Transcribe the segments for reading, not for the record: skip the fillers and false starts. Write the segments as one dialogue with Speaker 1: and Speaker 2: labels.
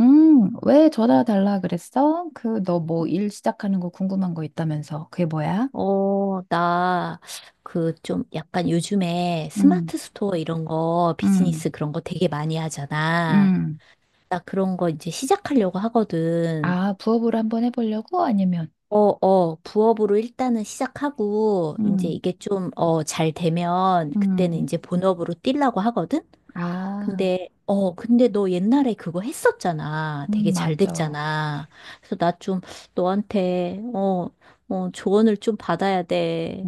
Speaker 1: 왜 전화 달라 그랬어? 너 뭐 일 시작하는 거 궁금한 거 있다면서. 그게 뭐야?
Speaker 2: 나, 그, 좀, 약간 요즘에
Speaker 1: 음.
Speaker 2: 스마트 스토어 이런 거,
Speaker 1: 음.
Speaker 2: 비즈니스 그런 거 되게 많이 하잖아.
Speaker 1: 음.
Speaker 2: 나 그런 거 이제 시작하려고 하거든.
Speaker 1: 아, 부업으로 한번 해보려고? 아니면,
Speaker 2: 부업으로 일단은 시작하고, 이제
Speaker 1: 음.
Speaker 2: 이게 좀, 잘 되면, 그때는
Speaker 1: 음.
Speaker 2: 이제 본업으로 뛰려고 하거든?
Speaker 1: 아,
Speaker 2: 근데, 근데 너 옛날에 그거 했었잖아. 되게
Speaker 1: 음,
Speaker 2: 잘
Speaker 1: 맞아.
Speaker 2: 됐잖아. 그래서 나 좀 너한테, 조언을 좀 받아야 돼.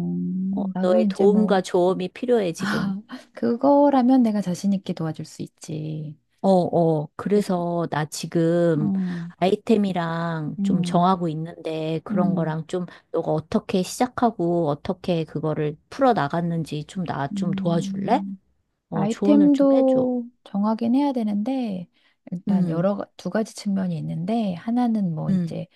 Speaker 2: 어,
Speaker 1: 나도
Speaker 2: 너의
Speaker 1: 이제
Speaker 2: 도움과
Speaker 1: 뭐.
Speaker 2: 조언이 필요해, 지금.
Speaker 1: 아, 그거라면 내가 자신 있게 도와줄 수 있지.
Speaker 2: 어, 어.
Speaker 1: 그치?
Speaker 2: 그래서 나 지금
Speaker 1: 음.
Speaker 2: 아이템이랑 좀
Speaker 1: 음.
Speaker 2: 정하고 있는데 그런
Speaker 1: 음.
Speaker 2: 거랑 좀 너가 어떻게 시작하고 어떻게 그거를 풀어 나갔는지 좀 나 좀 도와줄래?
Speaker 1: 음.
Speaker 2: 조언을 좀 해줘.
Speaker 1: 아이템도 정하긴 해야 되는데 일단
Speaker 2: 음,
Speaker 1: 두 가지 측면이 있는데 하나는 뭐
Speaker 2: 음,
Speaker 1: 이제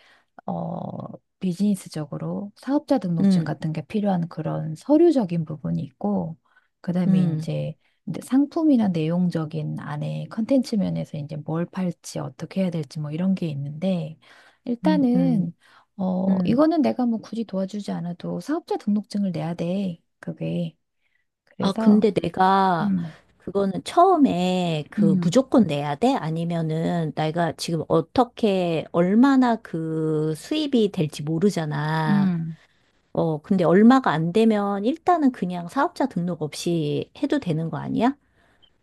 Speaker 1: 어 비즈니스적으로 사업자 등록증
Speaker 2: 음,
Speaker 1: 같은 게 필요한 그런 서류적인 부분이 있고 그다음에
Speaker 2: 음,
Speaker 1: 이제 상품이나 내용적인 안에 컨텐츠 면에서 이제 뭘 팔지 어떻게 해야 될지 뭐 이런 게 있는데
Speaker 2: 음, 음.
Speaker 1: 일단은
Speaker 2: 음.
Speaker 1: 이거는 내가 뭐 굳이 도와주지 않아도 사업자 등록증을 내야 돼. 그게.
Speaker 2: 아,
Speaker 1: 그래서.
Speaker 2: 근데 내가
Speaker 1: 음.
Speaker 2: 그거는 처음에 그
Speaker 1: 음.
Speaker 2: 무조건 내야 돼? 아니면은 내가 지금 어떻게 얼마나 그 수입이 될지 모르잖아.
Speaker 1: 음,
Speaker 2: 근데 얼마가 안 되면 일단은 그냥 사업자 등록 없이 해도 되는 거 아니야?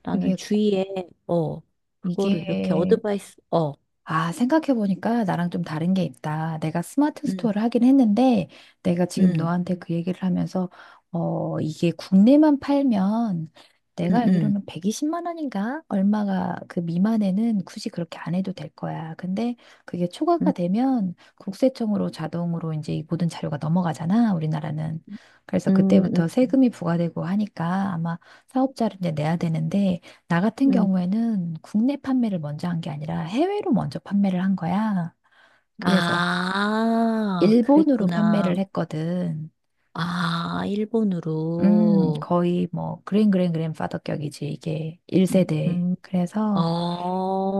Speaker 2: 나는
Speaker 1: 그게,
Speaker 2: 주위에 어, 그거를 이렇게
Speaker 1: 이게,
Speaker 2: 어드바이스 어.
Speaker 1: 아, 생각해보니까 나랑 좀 다른 게 있다. 내가 스마트
Speaker 2: 음.
Speaker 1: 스토어를 하긴 했는데, 내가 지금
Speaker 2: 음.
Speaker 1: 너한테 그 얘기를 하면서, 이게 국내만 팔면,
Speaker 2: 음.
Speaker 1: 내가
Speaker 2: 음.
Speaker 1: 알기로는 120만 원인가? 얼마가 그 미만에는 굳이 그렇게 안 해도 될 거야. 근데 그게 초과가
Speaker 2: 음.
Speaker 1: 되면 국세청으로 자동으로 이제 이 모든 자료가 넘어가잖아, 우리나라는. 그래서
Speaker 2: 음. 음.
Speaker 1: 그때부터 세금이 부과되고 하니까 아마 사업자를 이제 내야 되는데, 나 같은
Speaker 2: 음.
Speaker 1: 경우에는 국내 판매를 먼저 한 게 아니라 해외로 먼저 판매를 한 거야. 그래서
Speaker 2: 아,
Speaker 1: 일본으로 판매를
Speaker 2: 그랬구나.
Speaker 1: 했거든.
Speaker 2: 아, 일본으로.
Speaker 1: 거의 뭐 그랜파더격이지 이게 1세대.
Speaker 2: 음,
Speaker 1: 그래서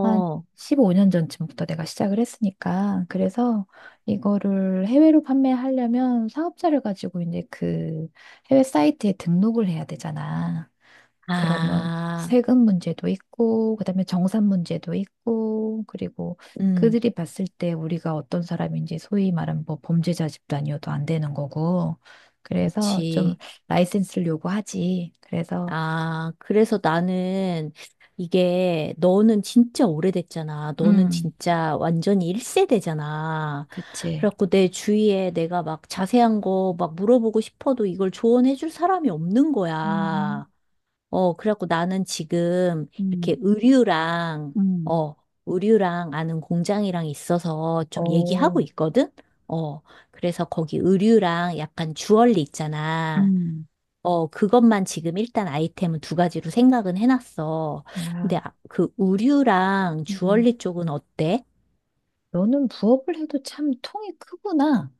Speaker 1: 한 15년 전쯤부터 내가 시작을 했으니까. 그래서 이거를 해외로 판매하려면 사업자를 가지고 이제 그 해외 사이트에 등록을 해야 되잖아. 그러면
Speaker 2: 아,
Speaker 1: 세금 문제도 있고, 그다음에 정산 문제도 있고, 그리고
Speaker 2: 음,
Speaker 1: 그들이 봤을 때 우리가 어떤 사람인지 소위 말하면 뭐 범죄자 집단이어도 안 되는 거고, 그래서 좀
Speaker 2: 그치.
Speaker 1: 라이센스를 요구하지. 그래서.
Speaker 2: 아, 그래서 나는 이게 너는 진짜 오래됐잖아. 너는
Speaker 1: 음,
Speaker 2: 진짜 완전히 1세대잖아.
Speaker 1: 그치.
Speaker 2: 그래갖고 내 주위에 내가 막 자세한 거 막 물어보고 싶어도 이걸 조언해줄 사람이 없는
Speaker 1: 음.
Speaker 2: 거야. 그래갖고 나는 지금 이렇게
Speaker 1: 음.
Speaker 2: 의류랑,
Speaker 1: 음.
Speaker 2: 어, 의류랑 아는 공장이랑 있어서 좀
Speaker 1: 어.
Speaker 2: 얘기하고 있거든? 어, 그래서 거기 의류랑 약간 주얼리 있잖아.
Speaker 1: 음.
Speaker 2: 그것만 지금 일단 아이템은 두 가지로 생각은 해놨어. 근데
Speaker 1: 야.
Speaker 2: 아, 그 의류랑
Speaker 1: 음.
Speaker 2: 주얼리 쪽은 어때?
Speaker 1: 너는 부업을 해도 참 통이 크구나.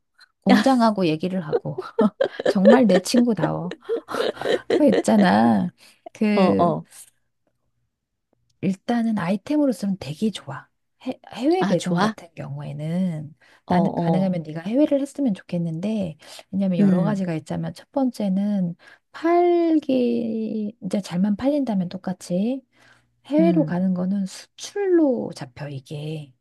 Speaker 1: 공장하고 얘기를 하고. 정말 내 친구다워. 그거 있잖아.
Speaker 2: 어,
Speaker 1: 그,
Speaker 2: 어.
Speaker 1: 일단은 아이템으로서는 되게 좋아. 해외
Speaker 2: 아,
Speaker 1: 배송
Speaker 2: 좋아?
Speaker 1: 같은 경우에는
Speaker 2: 어,
Speaker 1: 나는
Speaker 2: 어.
Speaker 1: 가능하면 네가 해외를 했으면 좋겠는데 왜냐면 여러
Speaker 2: 음,
Speaker 1: 가지가 있자면 첫 번째는 팔기 이제 잘만 팔린다면 똑같이 해외로
Speaker 2: 음,
Speaker 1: 가는 거는 수출로 잡혀 이게.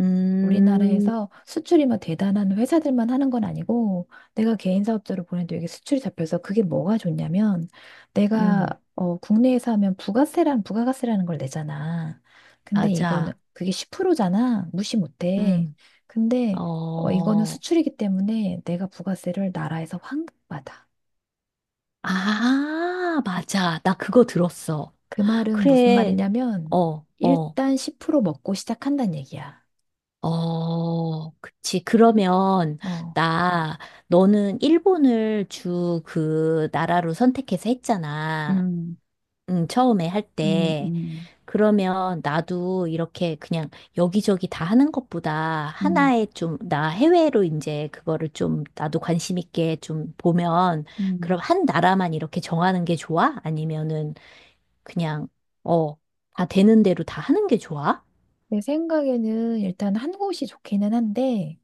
Speaker 2: 음,
Speaker 1: 우리나라에서 수출이 막 대단한 회사들만 하는 건 아니고 내가 개인 사업자로 보내도 이게 수출이 잡혀서 그게 뭐가 좋냐면 내가
Speaker 2: 음.
Speaker 1: 국내에서 하면 부가세라는 부가가세라는 걸 내잖아. 근데 이거는
Speaker 2: 맞아.
Speaker 1: 그게 10%잖아. 무시 못해.
Speaker 2: 음.
Speaker 1: 근데 이거는
Speaker 2: 어,
Speaker 1: 수출이기 때문에 내가 부가세를 나라에서 환급받아.
Speaker 2: 아, 맞아. 나 그거 들었어.
Speaker 1: 그 말은 무슨
Speaker 2: 그래.
Speaker 1: 말이냐면
Speaker 2: 어, 어,
Speaker 1: 일단 10% 먹고 시작한다는 얘기야.
Speaker 2: 그치. 그러면,
Speaker 1: 어.
Speaker 2: 나, 너는 일본을 주 그 나라로 선택해서 했잖아.
Speaker 1: 음.
Speaker 2: 응, 처음에 할
Speaker 1: 음.
Speaker 2: 때.
Speaker 1: 음.
Speaker 2: 그러면 나도 이렇게 그냥 여기저기 다 하는 것보다
Speaker 1: 음.
Speaker 2: 하나에 좀, 나 해외로 이제 그거를 좀 나도 관심 있게 좀 보면, 그럼
Speaker 1: 음.
Speaker 2: 한 나라만 이렇게 정하는 게 좋아? 아니면은 그냥, 어, 다 되는 대로 다 하는 게 좋아?
Speaker 1: 내 생각에는 일단 한 곳이 좋기는 한데,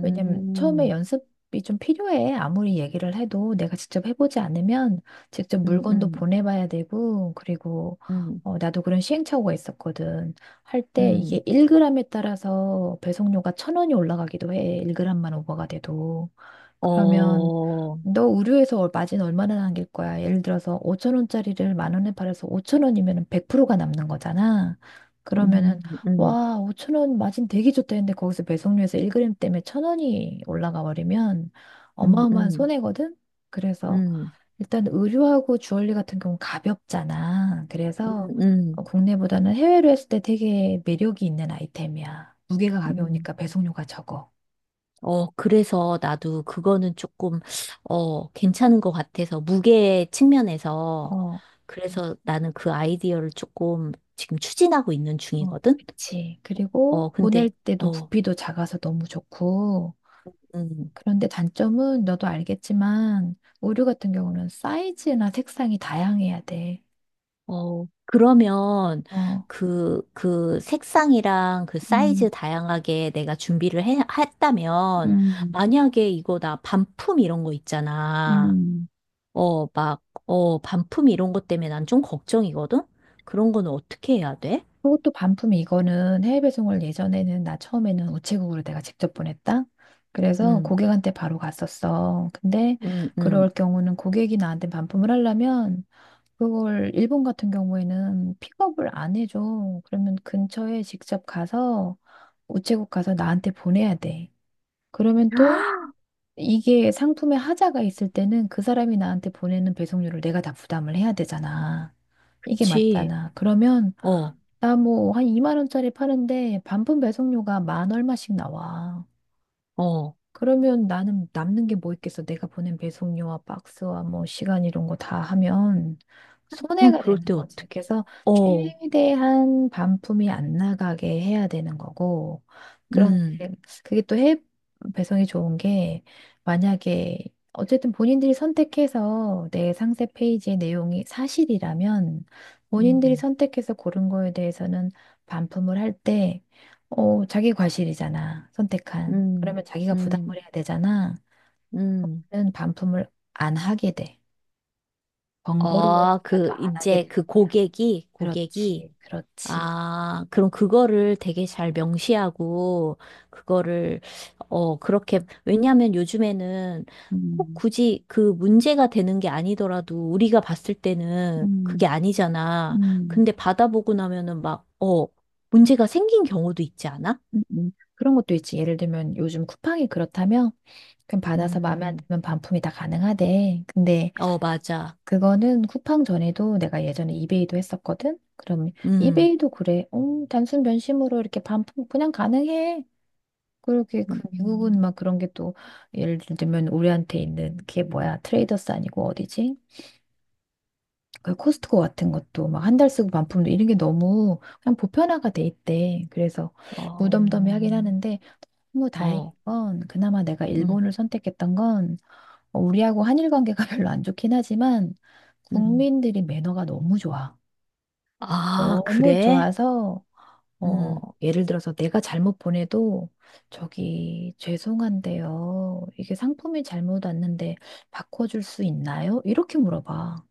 Speaker 1: 왜냐면 처음에 연습이 좀 필요해. 아무리 얘기를 해도 내가 직접 해보지 않으면 직접
Speaker 2: 음,
Speaker 1: 물건도
Speaker 2: 음,
Speaker 1: 보내봐야 되고, 그리고
Speaker 2: 음,
Speaker 1: 나도 그런 시행착오가 있었거든. 할 때
Speaker 2: 음,
Speaker 1: 이게 1g에 따라서 배송료가 천 원이 올라가기도 해. 1g만 오버가 돼도. 그러면
Speaker 2: 어,
Speaker 1: 너 의류에서 마진 얼마나 남길 거야? 예를 들어서 5천 원짜리를 만 원에 팔아서 5천 원이면 100%가 남는 거잖아. 그러면은
Speaker 2: 음,
Speaker 1: 와, 5천 원 마진 되게 좋다 했는데 거기서 배송료에서 1g 때문에 1천 원이 올라가 버리면
Speaker 2: 음,
Speaker 1: 어마어마한
Speaker 2: 음,
Speaker 1: 손해거든. 그래서
Speaker 2: 음,
Speaker 1: 일단 의류하고 주얼리 같은 경우는 가볍잖아. 그래서
Speaker 2: 음, 음,
Speaker 1: 국내보다는 해외로 했을 때 되게 매력이 있는 아이템이야. 무게가
Speaker 2: 음.
Speaker 1: 가벼우니까 배송료가 적어.
Speaker 2: 어, 그래서 나도 그거는 조금, 괜찮은 것 같아서, 무게 측면에서. 그래서 나는 그 아이디어를 조금 지금 추진하고 있는
Speaker 1: 어,
Speaker 2: 중이거든?
Speaker 1: 그치. 그리고 보낼
Speaker 2: 근데,
Speaker 1: 때도
Speaker 2: 어,
Speaker 1: 부피도 작아서 너무 좋고.
Speaker 2: 음.
Speaker 1: 그런데 단점은 너도 알겠지만, 의류 같은 경우는 사이즈나 색상이 다양해야 돼.
Speaker 2: 그러면
Speaker 1: 어.
Speaker 2: 그, 그 색상이랑 그
Speaker 1: 음.
Speaker 2: 사이즈 다양하게 내가 준비를 해, 했다면,
Speaker 1: 음.
Speaker 2: 만약에 이거 나 반품 이런 거 있잖아.
Speaker 1: 음.
Speaker 2: 막, 반품 이런 것 때문에 난 좀 걱정이거든? 그런 거는 어떻게 해야 돼?
Speaker 1: 그것도 반품 이거는 해외 배송을 예전에는 나 처음에는 우체국으로 내가 직접 보냈다. 그래서
Speaker 2: 음,
Speaker 1: 고객한테 바로 갔었어. 근데
Speaker 2: 음, 음.
Speaker 1: 그럴 경우는 고객이 나한테 반품을 하려면 그걸 일본 같은 경우에는 픽업을 안 해줘. 그러면 근처에 직접 가서 우체국 가서 나한테 보내야 돼. 그러면 또
Speaker 2: 아,
Speaker 1: 이게 상품에 하자가 있을 때는 그 사람이 나한테 보내는 배송료를 내가 다 부담을 해야 되잖아. 이게
Speaker 2: 그치.
Speaker 1: 맞잖아. 그러면
Speaker 2: 어,
Speaker 1: 나 뭐 한 2만 원짜리 파는데 반품 배송료가 만 얼마씩 나와.
Speaker 2: 어.
Speaker 1: 그러면 나는 남는 게 뭐 있겠어? 내가 보낸 배송료와 박스와 뭐 시간 이런 거 다 하면
Speaker 2: 그럼
Speaker 1: 손해가
Speaker 2: 그럴
Speaker 1: 되는
Speaker 2: 때
Speaker 1: 거지.
Speaker 2: 어떻게?
Speaker 1: 그래서
Speaker 2: 어,
Speaker 1: 최대한 반품이 안 나가게 해야 되는 거고. 그런데
Speaker 2: 음,
Speaker 1: 그게 또 해외 배송이 좋은 게 만약에 어쨌든 본인들이 선택해서 내 상세 페이지의 내용이 사실이라면 본인들이
Speaker 2: 음,
Speaker 1: 선택해서 고른 거에 대해서는 반품을 할때 자기 과실이잖아. 선택한.
Speaker 2: 음,
Speaker 1: 그러면 자기가 부담을
Speaker 2: 음,
Speaker 1: 해야 되잖아.
Speaker 2: 음.
Speaker 1: 그런 반품을 안 하게 돼.
Speaker 2: 아,
Speaker 1: 번거로워서라도
Speaker 2: 그,
Speaker 1: 안 하게
Speaker 2: 이제
Speaker 1: 되는
Speaker 2: 그
Speaker 1: 거야.
Speaker 2: 고객이, 고객이,
Speaker 1: 그렇지, 그렇지.
Speaker 2: 아, 그럼 그거를 되게 잘 명시하고, 그거를, 그렇게, 왜냐하면 요즘에는 꼭
Speaker 1: 음.
Speaker 2: 굳이 그 문제가 되는 게 아니더라도 우리가 봤을 때는
Speaker 1: 음.
Speaker 2: 그게 아니잖아.
Speaker 1: 음.
Speaker 2: 근데 받아보고 나면은 막, 문제가 생긴 경우도 있지 않아?
Speaker 1: 음. 음. 그런 것도 있지. 예를 들면 요즘 쿠팡이 그렇다면 그럼 받아서 마음에 안
Speaker 2: 음,
Speaker 1: 들면 반품이 다 가능하대. 근데
Speaker 2: 어, 맞아.
Speaker 1: 그거는 쿠팡 전에도 내가 예전에 이베이도 했었거든. 그럼
Speaker 2: 음,
Speaker 1: 이베이도 그래. 단순 변심으로 이렇게 반품 그냥 가능해. 그렇게 그 미국은
Speaker 2: 음,
Speaker 1: 막 그런 게 또 예를 들면 우리한테 있는 그게 뭐야 트레이더스 아니고 어디지? 그 코스트코 같은 것도 막 한 달 쓰고 반품도 이런 게 너무 그냥 보편화가 돼 있대. 그래서
Speaker 2: 어,
Speaker 1: 무덤덤해하긴 하는데 뭐 다행인
Speaker 2: 어,
Speaker 1: 건 그나마 내가
Speaker 2: 음,
Speaker 1: 일본을 선택했던 건 우리하고 한일 관계가 별로 안 좋긴 하지만
Speaker 2: 음.
Speaker 1: 국민들이 매너가 너무 좋아.
Speaker 2: 아,
Speaker 1: 너무
Speaker 2: 그래?
Speaker 1: 좋아서. 어,
Speaker 2: 음.
Speaker 1: 예를 들어서 내가 잘못 보내도 저기 죄송한데요. 이게 상품이 잘못 왔는데 바꿔줄 수 있나요? 이렇게 물어봐.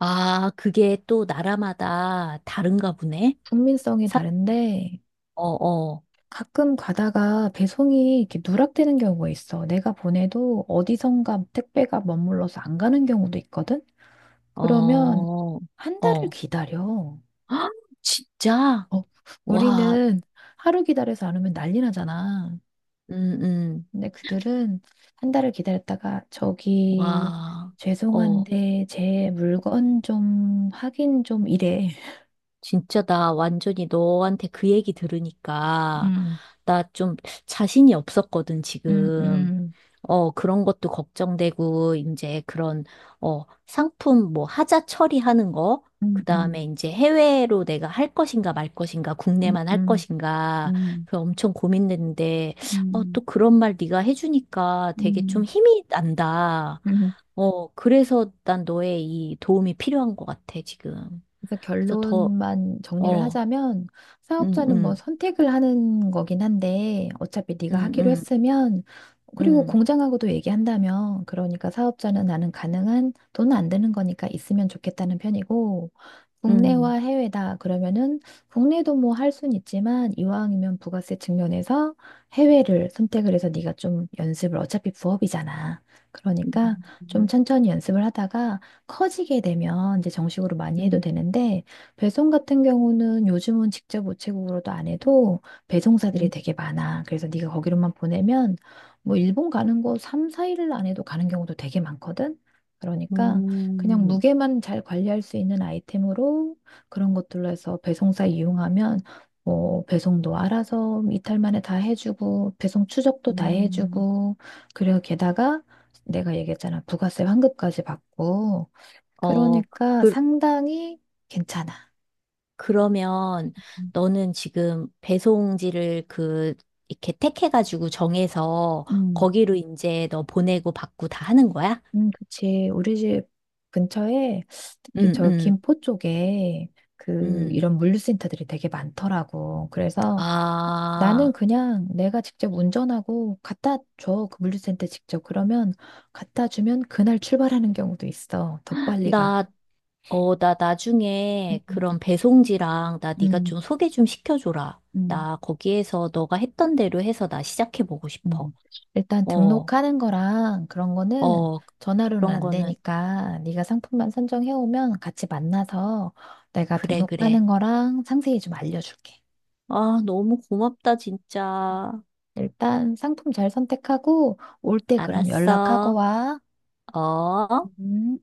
Speaker 2: 아, 그게 또 나라마다 다른가 보네?
Speaker 1: 국민성이
Speaker 2: 사,
Speaker 1: 다른데
Speaker 2: 어, 어,
Speaker 1: 가끔 가다가 배송이 이렇게 누락되는 경우가 있어. 내가 보내도 어디선가 택배가 머물러서 안 가는 경우도 있거든? 그러면
Speaker 2: 어,
Speaker 1: 한 달을
Speaker 2: 어.
Speaker 1: 기다려.
Speaker 2: 헉, 진짜?
Speaker 1: 어,
Speaker 2: 와,
Speaker 1: 우리는 하루 기다려서 안 오면 난리 나잖아.
Speaker 2: 음, 음,
Speaker 1: 근데 그들은 한 달을 기다렸다가 저기
Speaker 2: 와, 어.
Speaker 1: 죄송한데 제 물건 좀 확인 좀 이래.
Speaker 2: 진짜 나 완전히 너한테 그 얘기 들으니까
Speaker 1: 음.
Speaker 2: 나 좀 자신이 없었거든,
Speaker 1: 음.
Speaker 2: 지금.
Speaker 1: 음.
Speaker 2: 그런 것도 걱정되고, 이제 그런, 상품 뭐 하자 처리하는 거,
Speaker 1: 음.
Speaker 2: 그
Speaker 1: 음.
Speaker 2: 다음에 이제 해외로 내가 할 것인가 말 것인가,
Speaker 1: 음.
Speaker 2: 국내만 할
Speaker 1: 음.
Speaker 2: 것인가,
Speaker 1: 음.
Speaker 2: 그 엄청 고민됐는데, 또
Speaker 1: 음.
Speaker 2: 그런 말 네가 해주니까 되게 좀
Speaker 1: 음.
Speaker 2: 힘이 난다.
Speaker 1: 음.
Speaker 2: 그래서 난 너의 이 도움이 필요한 것 같아, 지금.
Speaker 1: 그래서
Speaker 2: 그래서 더,
Speaker 1: 결론만 정리를
Speaker 2: 어,
Speaker 1: 하자면
Speaker 2: 음,
Speaker 1: 사업자는 뭐
Speaker 2: 음,
Speaker 1: 선택을 하는 거긴 한데 어차피 네가
Speaker 2: 음,
Speaker 1: 하기로
Speaker 2: 음,
Speaker 1: 했으면 그리고
Speaker 2: 음,
Speaker 1: 공장하고도 얘기한다면 그러니까 사업자는 나는 가능한 돈 안 드는 거니까 있으면 좋겠다는 편이고 국내와
Speaker 2: 음,
Speaker 1: 해외다 그러면은 국내도 뭐 할 순 있지만 이왕이면 부가세 측면에서 해외를 선택을 해서 네가 좀 연습을 어차피 부업이잖아. 그러니까 좀
Speaker 2: 음,
Speaker 1: 천천히 연습을 하다가 커지게 되면 이제 정식으로 많이 해도
Speaker 2: 음,
Speaker 1: 되는데 배송 같은 경우는 요즘은 직접 우체국으로도 안 해도 배송사들이
Speaker 2: 음,
Speaker 1: 되게 많아. 그래서 네가 거기로만 보내면 뭐 일본 가는 거 3, 4일 안 해도 가는 경우도 되게 많거든. 그러니까 그냥
Speaker 2: 음.
Speaker 1: 무게만 잘 관리할 수 있는 아이템으로 그런 것들로 해서 배송사 이용하면 뭐 배송도 알아서 이탈 만에 다 해주고 배송 추적도 다
Speaker 2: 음,
Speaker 1: 해주고 그리고 게다가 내가 얘기했잖아 부가세 환급까지 받고
Speaker 2: 어,
Speaker 1: 그러니까
Speaker 2: 그,
Speaker 1: 상당히 괜찮아.
Speaker 2: 그러면
Speaker 1: 음.
Speaker 2: 너는 지금 배송지를 그, 이렇게 택해가지고 정해서
Speaker 1: 음.
Speaker 2: 거기로 이제 너 보내고 받고 다 하는 거야?
Speaker 1: 그치. 우리 집 근처에 특히
Speaker 2: 응,
Speaker 1: 저
Speaker 2: 응,
Speaker 1: 김포 쪽에 그
Speaker 2: 응.
Speaker 1: 이런 물류센터들이 되게 많더라고. 그래서 나는
Speaker 2: 아,
Speaker 1: 그냥 내가 직접 운전하고 갖다 줘. 그 물류센터 직접. 그러면 갖다 주면 그날 출발하는 경우도 있어. 더 빨리 가.
Speaker 2: 나, 나 나중에
Speaker 1: 음.
Speaker 2: 그런 배송지랑 나 네가
Speaker 1: 음.
Speaker 2: 좀 소개 좀 시켜줘라.
Speaker 1: 음.
Speaker 2: 나 거기에서 너가 했던 대로 해서 나 시작해보고 싶어.
Speaker 1: 음, 일단
Speaker 2: 어,
Speaker 1: 등록하는 거랑 그런 거는
Speaker 2: 어,
Speaker 1: 전화로는
Speaker 2: 그런
Speaker 1: 안
Speaker 2: 거는,
Speaker 1: 되니까 네가 상품만 선정해 오면 같이 만나서 내가
Speaker 2: 그래, 그래.
Speaker 1: 등록하는 거랑 상세히 좀 알려줄게.
Speaker 2: 아, 너무 고맙다, 진짜.
Speaker 1: 일단 상품 잘 선택하고 올 때 그럼 연락하고
Speaker 2: 알았어.
Speaker 1: 와.
Speaker 2: 어?
Speaker 1: 음.